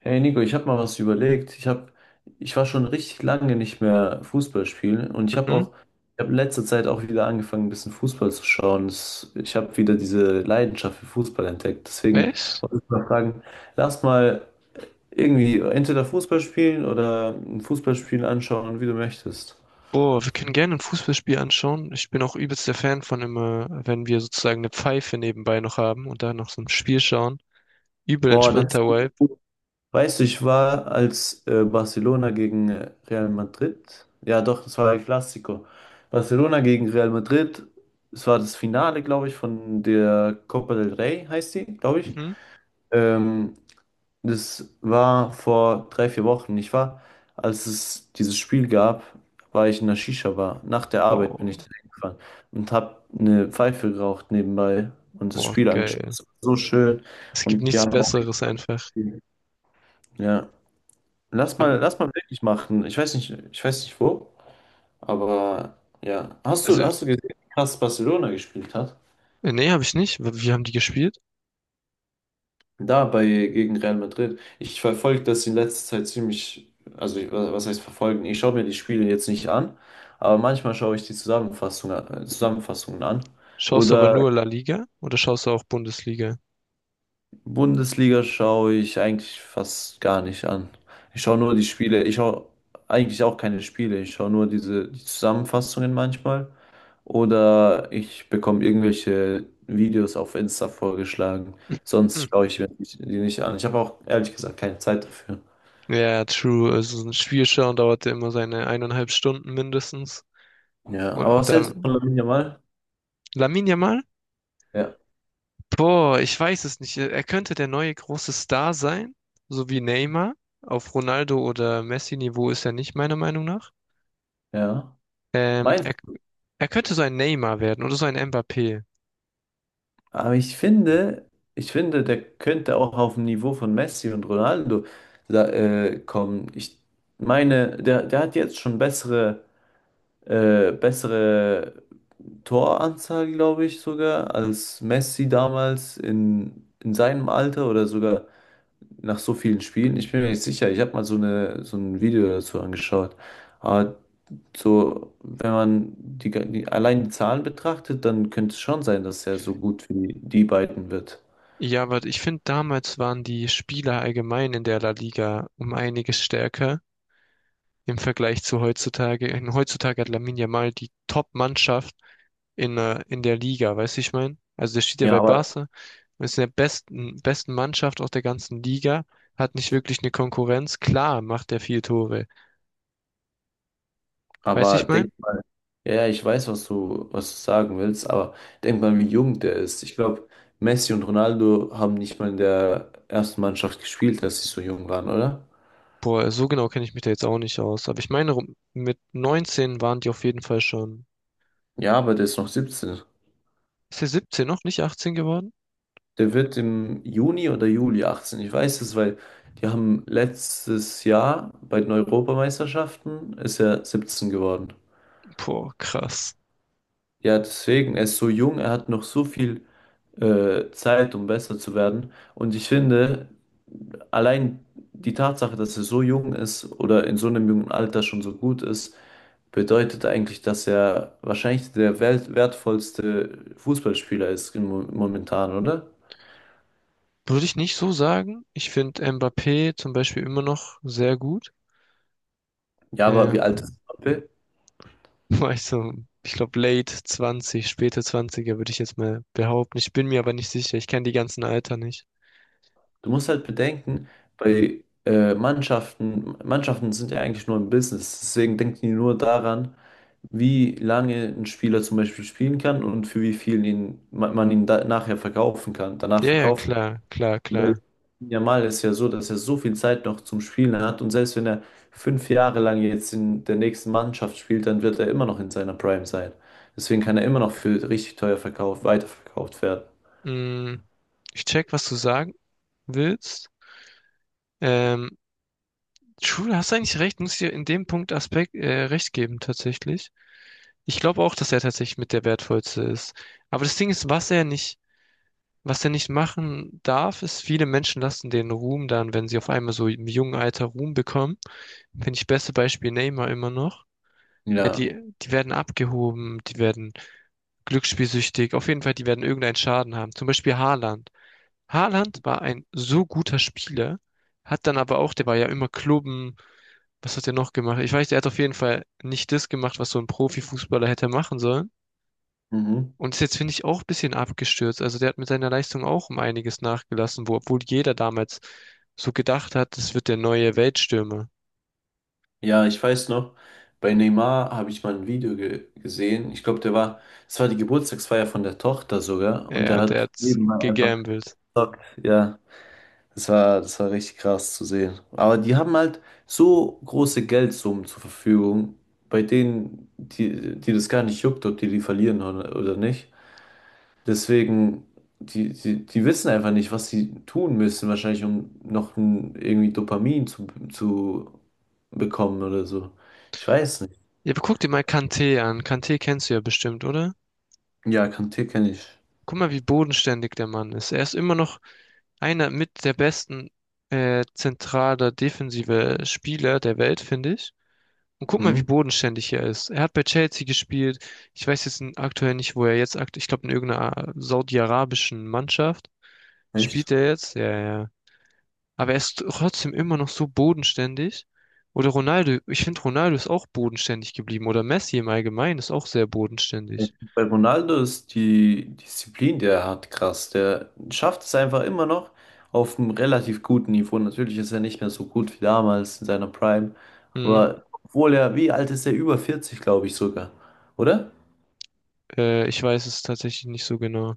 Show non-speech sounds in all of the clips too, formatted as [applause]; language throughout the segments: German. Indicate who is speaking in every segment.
Speaker 1: Hey Nico, ich habe mal was überlegt. Ich war schon richtig lange nicht mehr Fußball spielen und
Speaker 2: Hm?
Speaker 1: ich habe in letzter Zeit auch wieder angefangen, ein bisschen Fußball zu schauen. Ich habe wieder diese Leidenschaft für Fußball entdeckt. Deswegen
Speaker 2: Echt?
Speaker 1: wollte ich mal fragen, lass mal irgendwie entweder Fußball spielen oder ein Fußballspiel anschauen, wie du möchtest.
Speaker 2: Boah, wir können gerne ein Fußballspiel anschauen. Ich bin auch übelst der Fan von immer, wenn wir sozusagen eine Pfeife nebenbei noch haben und da noch so ein Spiel schauen. Übel
Speaker 1: Boah, das
Speaker 2: entspannter Vibe.
Speaker 1: Weißt du, ich war als Barcelona gegen Real Madrid. Ja, doch, das war ein Clasico. Barcelona gegen Real Madrid. Es war das Finale, glaube ich, von der Copa del Rey, heißt sie, glaube ich.
Speaker 2: Mhm.
Speaker 1: Ähm, das war vor 3, 4 Wochen. Als es dieses Spiel gab, war ich in der Shisha-Bar. Nach der Arbeit bin ich
Speaker 2: Boah,
Speaker 1: da hingefahren und habe eine Pfeife geraucht nebenbei und das
Speaker 2: boah,
Speaker 1: Spiel angeschaut.
Speaker 2: geil.
Speaker 1: Es war so schön
Speaker 2: Es gibt
Speaker 1: und die
Speaker 2: nichts
Speaker 1: haben auch.
Speaker 2: Besseres einfach.
Speaker 1: Ja. Lass mal,
Speaker 2: Aber,
Speaker 1: lass mal wirklich machen. Ich weiß nicht wo, aber ja. Hast du,
Speaker 2: also,
Speaker 1: hast du gesehen, dass Barcelona gespielt hat?
Speaker 2: nee, habe ich nicht. Wie haben die gespielt?
Speaker 1: Gegen Real Madrid. Ich verfolge das in letzter Zeit ziemlich, also was heißt verfolgen? Ich schaue mir die Spiele jetzt nicht an, aber manchmal schaue ich die Zusammenfassungen an.
Speaker 2: Schaust du aber
Speaker 1: Oder
Speaker 2: nur La Liga oder schaust du auch Bundesliga?
Speaker 1: Bundesliga schaue ich eigentlich fast gar nicht an. Ich schaue nur die Spiele. Ich schaue eigentlich auch keine Spiele. Ich schaue nur die Zusammenfassungen manchmal. Oder ich bekomme irgendwelche Videos auf Insta vorgeschlagen.
Speaker 2: [laughs] Hm.
Speaker 1: Sonst schaue ich mir die nicht an. Ich habe auch ehrlich gesagt keine Zeit dafür.
Speaker 2: Ja, true. Also so ein Spiel schauen dauert ja immer seine 1,5 Stunden mindestens.
Speaker 1: Ja,
Speaker 2: Und,
Speaker 1: aber
Speaker 2: und
Speaker 1: was hältst du von
Speaker 2: dann
Speaker 1: Lamine Yamal?
Speaker 2: Lamine Yamal?
Speaker 1: Ja,
Speaker 2: Boah, ich weiß es nicht. Er könnte der neue große Star sein, so wie Neymar. Auf Ronaldo oder Messi-Niveau ist er nicht, meiner Meinung nach.
Speaker 1: ja.
Speaker 2: Ähm,
Speaker 1: Meinst
Speaker 2: er, er könnte so ein Neymar werden oder so ein Mbappé.
Speaker 1: Aber ich finde, der könnte auch auf dem Niveau von Messi und Ronaldo da, kommen. Ich meine, der hat jetzt schon bessere Toranzahl, glaube ich, sogar, als Messi damals in seinem Alter oder sogar nach so vielen Spielen. Ich bin mir nicht sicher. Ich habe mal so ein Video dazu angeschaut. Aber so, wenn man allein die Zahlen betrachtet, dann könnte es schon sein, dass er so gut wie die beiden wird.
Speaker 2: Ja, aber ich finde, damals waren die Spieler allgemein in der La Liga um einiges stärker. Im Vergleich zu heutzutage. Und heutzutage hat Lamine Yamal die Top-Mannschaft in der Liga, weißt du, ich meine? Also der steht ja
Speaker 1: Ja,
Speaker 2: bei
Speaker 1: aber,
Speaker 2: Barca und ist in der besten Mannschaft aus der ganzen Liga, hat nicht wirklich eine Konkurrenz. Klar macht er viel Tore, weißt du,
Speaker 1: aber
Speaker 2: ich meine?
Speaker 1: denk mal, ja, ja, ich weiß, was du sagen willst, aber denk mal, wie jung der ist. Ich glaube, Messi und Ronaldo haben nicht mal in der ersten Mannschaft gespielt, als sie so jung waren, oder?
Speaker 2: Boah, so genau kenne ich mich da jetzt auch nicht aus. Aber ich meine, mit 19 waren die auf jeden Fall schon.
Speaker 1: Ja, aber der ist noch 17.
Speaker 2: Ist er 17 noch, nicht 18 geworden?
Speaker 1: Der wird im Juni oder Juli 18. Ich weiß es, weil die haben letztes Jahr bei den Europameisterschaften ist er 17 geworden.
Speaker 2: Boah, krass.
Speaker 1: Ja, deswegen, er ist so jung, er hat noch so viel Zeit, um besser zu werden. Und ich finde, allein die Tatsache, dass er so jung ist oder in so einem jungen Alter schon so gut ist, bedeutet eigentlich, dass er wahrscheinlich der wertvollste Fußballspieler ist im momentan, oder?
Speaker 2: Würde ich nicht so sagen. Ich finde Mbappé zum Beispiel immer noch sehr gut.
Speaker 1: Ja, aber wie
Speaker 2: Ähm,
Speaker 1: alt ist Mbappé?
Speaker 2: [laughs] War ich so, ich glaube, late 20, späte 20er würde ich jetzt mal behaupten. Ich bin mir aber nicht sicher. Ich kenne die ganzen Alter nicht.
Speaker 1: Du musst halt bedenken, Mannschaften sind ja eigentlich nur ein Business, deswegen denken die nur daran, wie lange ein Spieler zum Beispiel spielen kann und für wie viel man ihn nachher verkaufen kann, danach
Speaker 2: Ja, ja,
Speaker 1: verkaufen kann.
Speaker 2: klar, klar,
Speaker 1: Weil
Speaker 2: klar.
Speaker 1: Yamal ist ja so, dass er so viel Zeit noch zum Spielen hat und selbst wenn er 5 Jahre lang jetzt in der nächsten Mannschaft spielt, dann wird er immer noch in seiner Prime sein. Deswegen kann er immer noch für richtig teuer verkauft, weiterverkauft werden.
Speaker 2: Mm, ich check, was du sagen willst. Ähm, True, hast eigentlich recht, muss ich dir in dem Punkt Aspekt recht geben, tatsächlich. Ich glaube auch, dass er tatsächlich mit der wertvollste ist. Aber das Ding ist, was der nicht machen darf, ist, viele Menschen lassen den Ruhm dann, wenn sie auf einmal so im jungen Alter Ruhm bekommen. Finde ich beste Beispiel Neymar immer noch. Ja,
Speaker 1: Ja,
Speaker 2: die werden abgehoben, die werden glücksspielsüchtig. Auf jeden Fall, die werden irgendeinen Schaden haben. Zum Beispiel Haaland. Haaland war ein so guter Spieler, hat dann aber auch, der war ja immer klubben. Was hat er noch gemacht? Ich weiß, er hat auf jeden Fall nicht das gemacht, was so ein Profifußballer hätte machen sollen.
Speaker 1: mhm.
Speaker 2: Und ist jetzt, finde ich, auch ein bisschen abgestürzt. Also der hat mit seiner Leistung auch um einiges nachgelassen, wo, obwohl jeder damals so gedacht hat, das wird der neue Weltstürmer.
Speaker 1: Ja, ich weiß noch, bei Neymar habe ich mal ein Video ge gesehen. Ich glaube, es war die Geburtstagsfeier von der Tochter sogar
Speaker 2: Ja,
Speaker 1: und
Speaker 2: ja,
Speaker 1: der
Speaker 2: und der
Speaker 1: hat
Speaker 2: hat's
Speaker 1: nebenbei einfach
Speaker 2: gegambelt.
Speaker 1: Stock, ja. Das war richtig krass zu sehen. Aber die haben halt so große Geldsummen zur Verfügung, bei denen, die, die das gar nicht juckt, ob die die verlieren oder nicht. Deswegen, die wissen einfach nicht, was sie tun müssen, wahrscheinlich, um noch irgendwie Dopamin zu bekommen oder so. Ich weiß nicht.
Speaker 2: Ja, aber guck dir mal Kanté an. Kanté kennst du ja bestimmt, oder?
Speaker 1: Ja, Kanté kenne ich.
Speaker 2: Guck mal, wie bodenständig der Mann ist. Er ist immer noch einer mit der besten zentraler defensive Spieler der Welt, finde ich. Und guck mal, wie
Speaker 1: Mhm.
Speaker 2: bodenständig er ist. Er hat bei Chelsea gespielt. Ich weiß jetzt aktuell nicht, wo er jetzt aktuell, ich glaube in irgendeiner saudi-arabischen Mannschaft
Speaker 1: Echt?
Speaker 2: spielt er jetzt. Ja, ja. Aber er ist trotzdem immer noch so bodenständig. Oder Ronaldo, ich finde Ronaldo ist auch bodenständig geblieben. Oder Messi im Allgemeinen ist auch sehr bodenständig.
Speaker 1: Bei Ronaldo ist die Disziplin, die er hat, krass. Der schafft es einfach immer noch auf einem relativ guten Niveau. Natürlich ist er nicht mehr so gut wie damals in seiner Prime.
Speaker 2: Hm,
Speaker 1: Aber obwohl er, wie alt ist er? Über 40, glaube ich sogar. Oder?
Speaker 2: ich weiß es tatsächlich nicht so genau.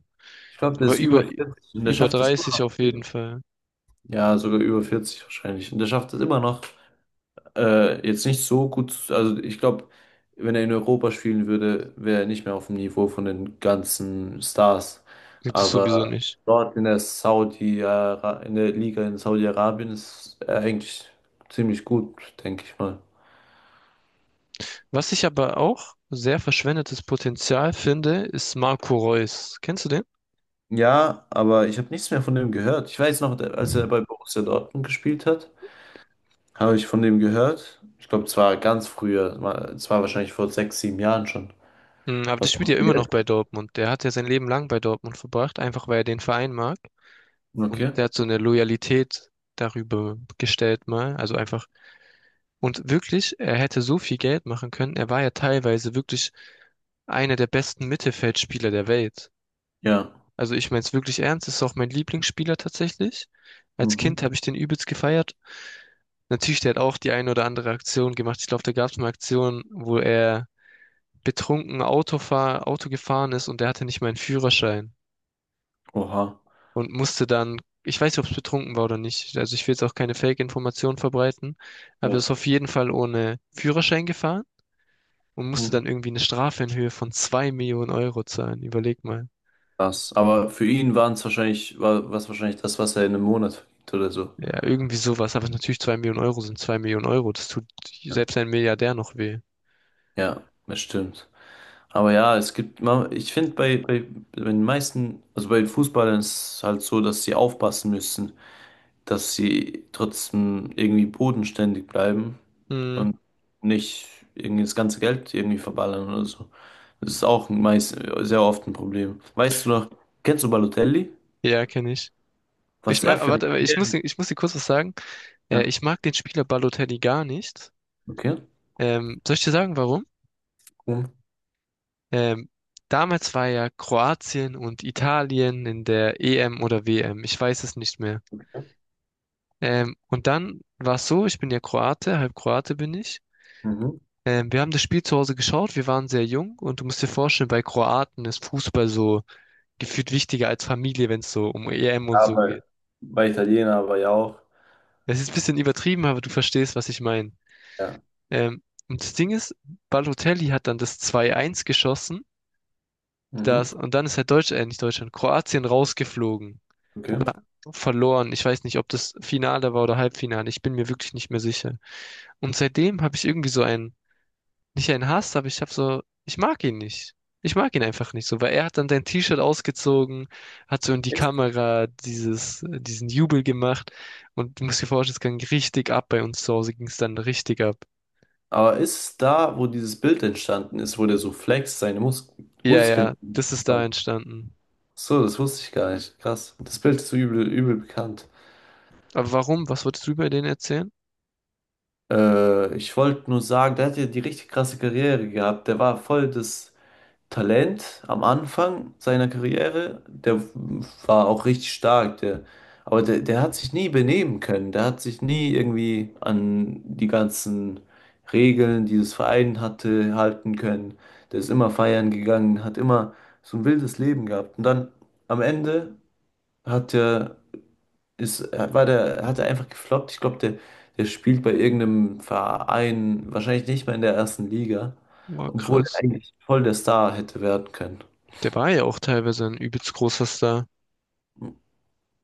Speaker 1: Ich glaube, der
Speaker 2: Aber
Speaker 1: ist über
Speaker 2: über,
Speaker 1: 40 und der
Speaker 2: über
Speaker 1: schafft es
Speaker 2: 30
Speaker 1: immer
Speaker 2: auf jeden
Speaker 1: noch.
Speaker 2: Fall.
Speaker 1: Ja, sogar über 40 wahrscheinlich. Und der schafft es immer noch, jetzt nicht so gut, also ich glaube, wenn er in Europa spielen würde, wäre er nicht mehr auf dem Niveau von den ganzen Stars.
Speaker 2: Gibt es sowieso
Speaker 1: Aber
Speaker 2: nicht.
Speaker 1: dort in der Liga in Saudi-Arabien ist er eigentlich ziemlich gut, denke ich mal.
Speaker 2: Was ich aber auch sehr verschwendetes Potenzial finde, ist Marco Reus. Kennst du den?
Speaker 1: Ja, aber ich habe nichts mehr von dem gehört. Ich weiß noch, als er bei Borussia Dortmund gespielt hat, habe ich von dem gehört. Ich glaube, zwar ganz früher, es war wahrscheinlich vor 6, 7 Jahren schon.
Speaker 2: Mm, aber der
Speaker 1: Was
Speaker 2: spielt ja
Speaker 1: macht er
Speaker 2: immer noch
Speaker 1: jetzt?
Speaker 2: bei Dortmund. Der hat ja sein Leben lang bei Dortmund verbracht, einfach weil er den Verein mag. Und
Speaker 1: Okay.
Speaker 2: der hat so eine Loyalität darüber gestellt mal. Also einfach. Und wirklich, er hätte so viel Geld machen können. Er war ja teilweise wirklich einer der besten Mittelfeldspieler der Welt.
Speaker 1: Ja.
Speaker 2: Also ich meine es wirklich ernst, ist auch mein Lieblingsspieler tatsächlich. Als
Speaker 1: Mhm.
Speaker 2: Kind habe ich den übelst gefeiert. Natürlich, der hat auch die eine oder andere Aktion gemacht. Ich glaube, da gab es eine Aktion, wo er betrunken Auto gefahren ist und der hatte nicht mal einen Führerschein
Speaker 1: Oha.
Speaker 2: und musste dann, ich weiß nicht, ob es betrunken war oder nicht. Also ich will jetzt auch keine Fake-Informationen verbreiten, aber er ist auf jeden Fall ohne Führerschein gefahren und musste
Speaker 1: Mhm.
Speaker 2: dann irgendwie eine Strafe in Höhe von 2 Millionen Euro zahlen. Überleg mal.
Speaker 1: Krass. Aber für ihn waren es wahrscheinlich, war was wahrscheinlich das, was er in einem Monat verdient oder so.
Speaker 2: Ja, irgendwie sowas. Aber natürlich 2 Millionen Euro sind 2 Millionen Euro. Das tut
Speaker 1: Ja,
Speaker 2: selbst ein Milliardär noch weh.
Speaker 1: Ja, das stimmt. Aber ja, ich finde bei den meisten, also bei den Fußballern ist es halt so, dass sie aufpassen müssen, dass sie trotzdem irgendwie bodenständig bleiben
Speaker 2: Hm,
Speaker 1: und nicht irgendwie das ganze Geld irgendwie verballern oder so. Das ist auch sehr oft ein Problem. Weißt du noch, kennst du Balotelli?
Speaker 2: ja, kenne ich. Ich
Speaker 1: Was er
Speaker 2: mag, aber
Speaker 1: für ein.
Speaker 2: warte, aber ich muss dir kurz was sagen.
Speaker 1: Ja,
Speaker 2: Ich mag den Spieler Balotelli gar nicht.
Speaker 1: okay.
Speaker 2: Soll ich dir sagen, warum?
Speaker 1: Mhm.
Speaker 2: Ähm, Damals war ja Kroatien und Italien in der EM oder WM. Ich weiß es nicht mehr. Und dann war es so, ich bin ja Kroate, halb Kroate bin ich.
Speaker 1: Mhm.
Speaker 2: Wir haben das Spiel zu Hause geschaut, wir waren sehr jung und du musst dir vorstellen, bei Kroaten ist Fußball so gefühlt wichtiger als Familie, wenn es so um EM und
Speaker 1: Ja,
Speaker 2: so
Speaker 1: bei,
Speaker 2: geht.
Speaker 1: bei Italiener war ja auch.
Speaker 2: Es ist ein bisschen übertrieben, aber du verstehst, was ich meine.
Speaker 1: Ja.
Speaker 2: Ähm, und das Ding ist, Balotelli hat dann das 2-1 geschossen.
Speaker 1: Mhm.
Speaker 2: Das, und dann ist halt Deutschland, nicht Deutschland, Kroatien rausgeflogen
Speaker 1: Okay.
Speaker 2: oder verloren. Ich weiß nicht, ob das Finale war oder Halbfinale. Ich bin mir wirklich nicht mehr sicher. Und seitdem habe ich irgendwie so einen, nicht einen Hass, aber ich habe so, ich mag ihn nicht. Ich mag ihn einfach nicht so, weil er hat dann sein T-Shirt ausgezogen, hat so in die
Speaker 1: Ist,
Speaker 2: Kamera dieses, diesen Jubel gemacht und du musst dir vorstellen, es ging richtig ab bei uns zu Hause, ging es dann richtig ab.
Speaker 1: aber ist da, wo dieses Bild entstanden ist, wo der so flext, seine
Speaker 2: Ja,
Speaker 1: Muskeln
Speaker 2: ja, das ist da
Speaker 1: spannt?
Speaker 2: entstanden.
Speaker 1: So, das wusste ich gar nicht. Krass. Das Bild ist so übel, übel bekannt.
Speaker 2: Aber warum? Was wolltest du über den erzählen?
Speaker 1: Ich wollte nur sagen, der hat ja die richtig krasse Karriere gehabt. Der war voll das. Talent am Anfang seiner Karriere, der war auch richtig stark, aber der hat sich nie benehmen können, der hat sich nie irgendwie an die ganzen Regeln, die das Verein hatte, halten können. Der ist immer feiern gegangen, hat immer so ein wildes Leben gehabt. Und dann am Ende hat er, hat er einfach gefloppt. Ich glaube, der spielt bei irgendeinem Verein, wahrscheinlich nicht mehr in der ersten Liga,
Speaker 2: War
Speaker 1: obwohl er
Speaker 2: krass.
Speaker 1: eigentlich voll der Star hätte werden können.
Speaker 2: Der war ja auch teilweise ein übelst großer Star.
Speaker 1: Mm,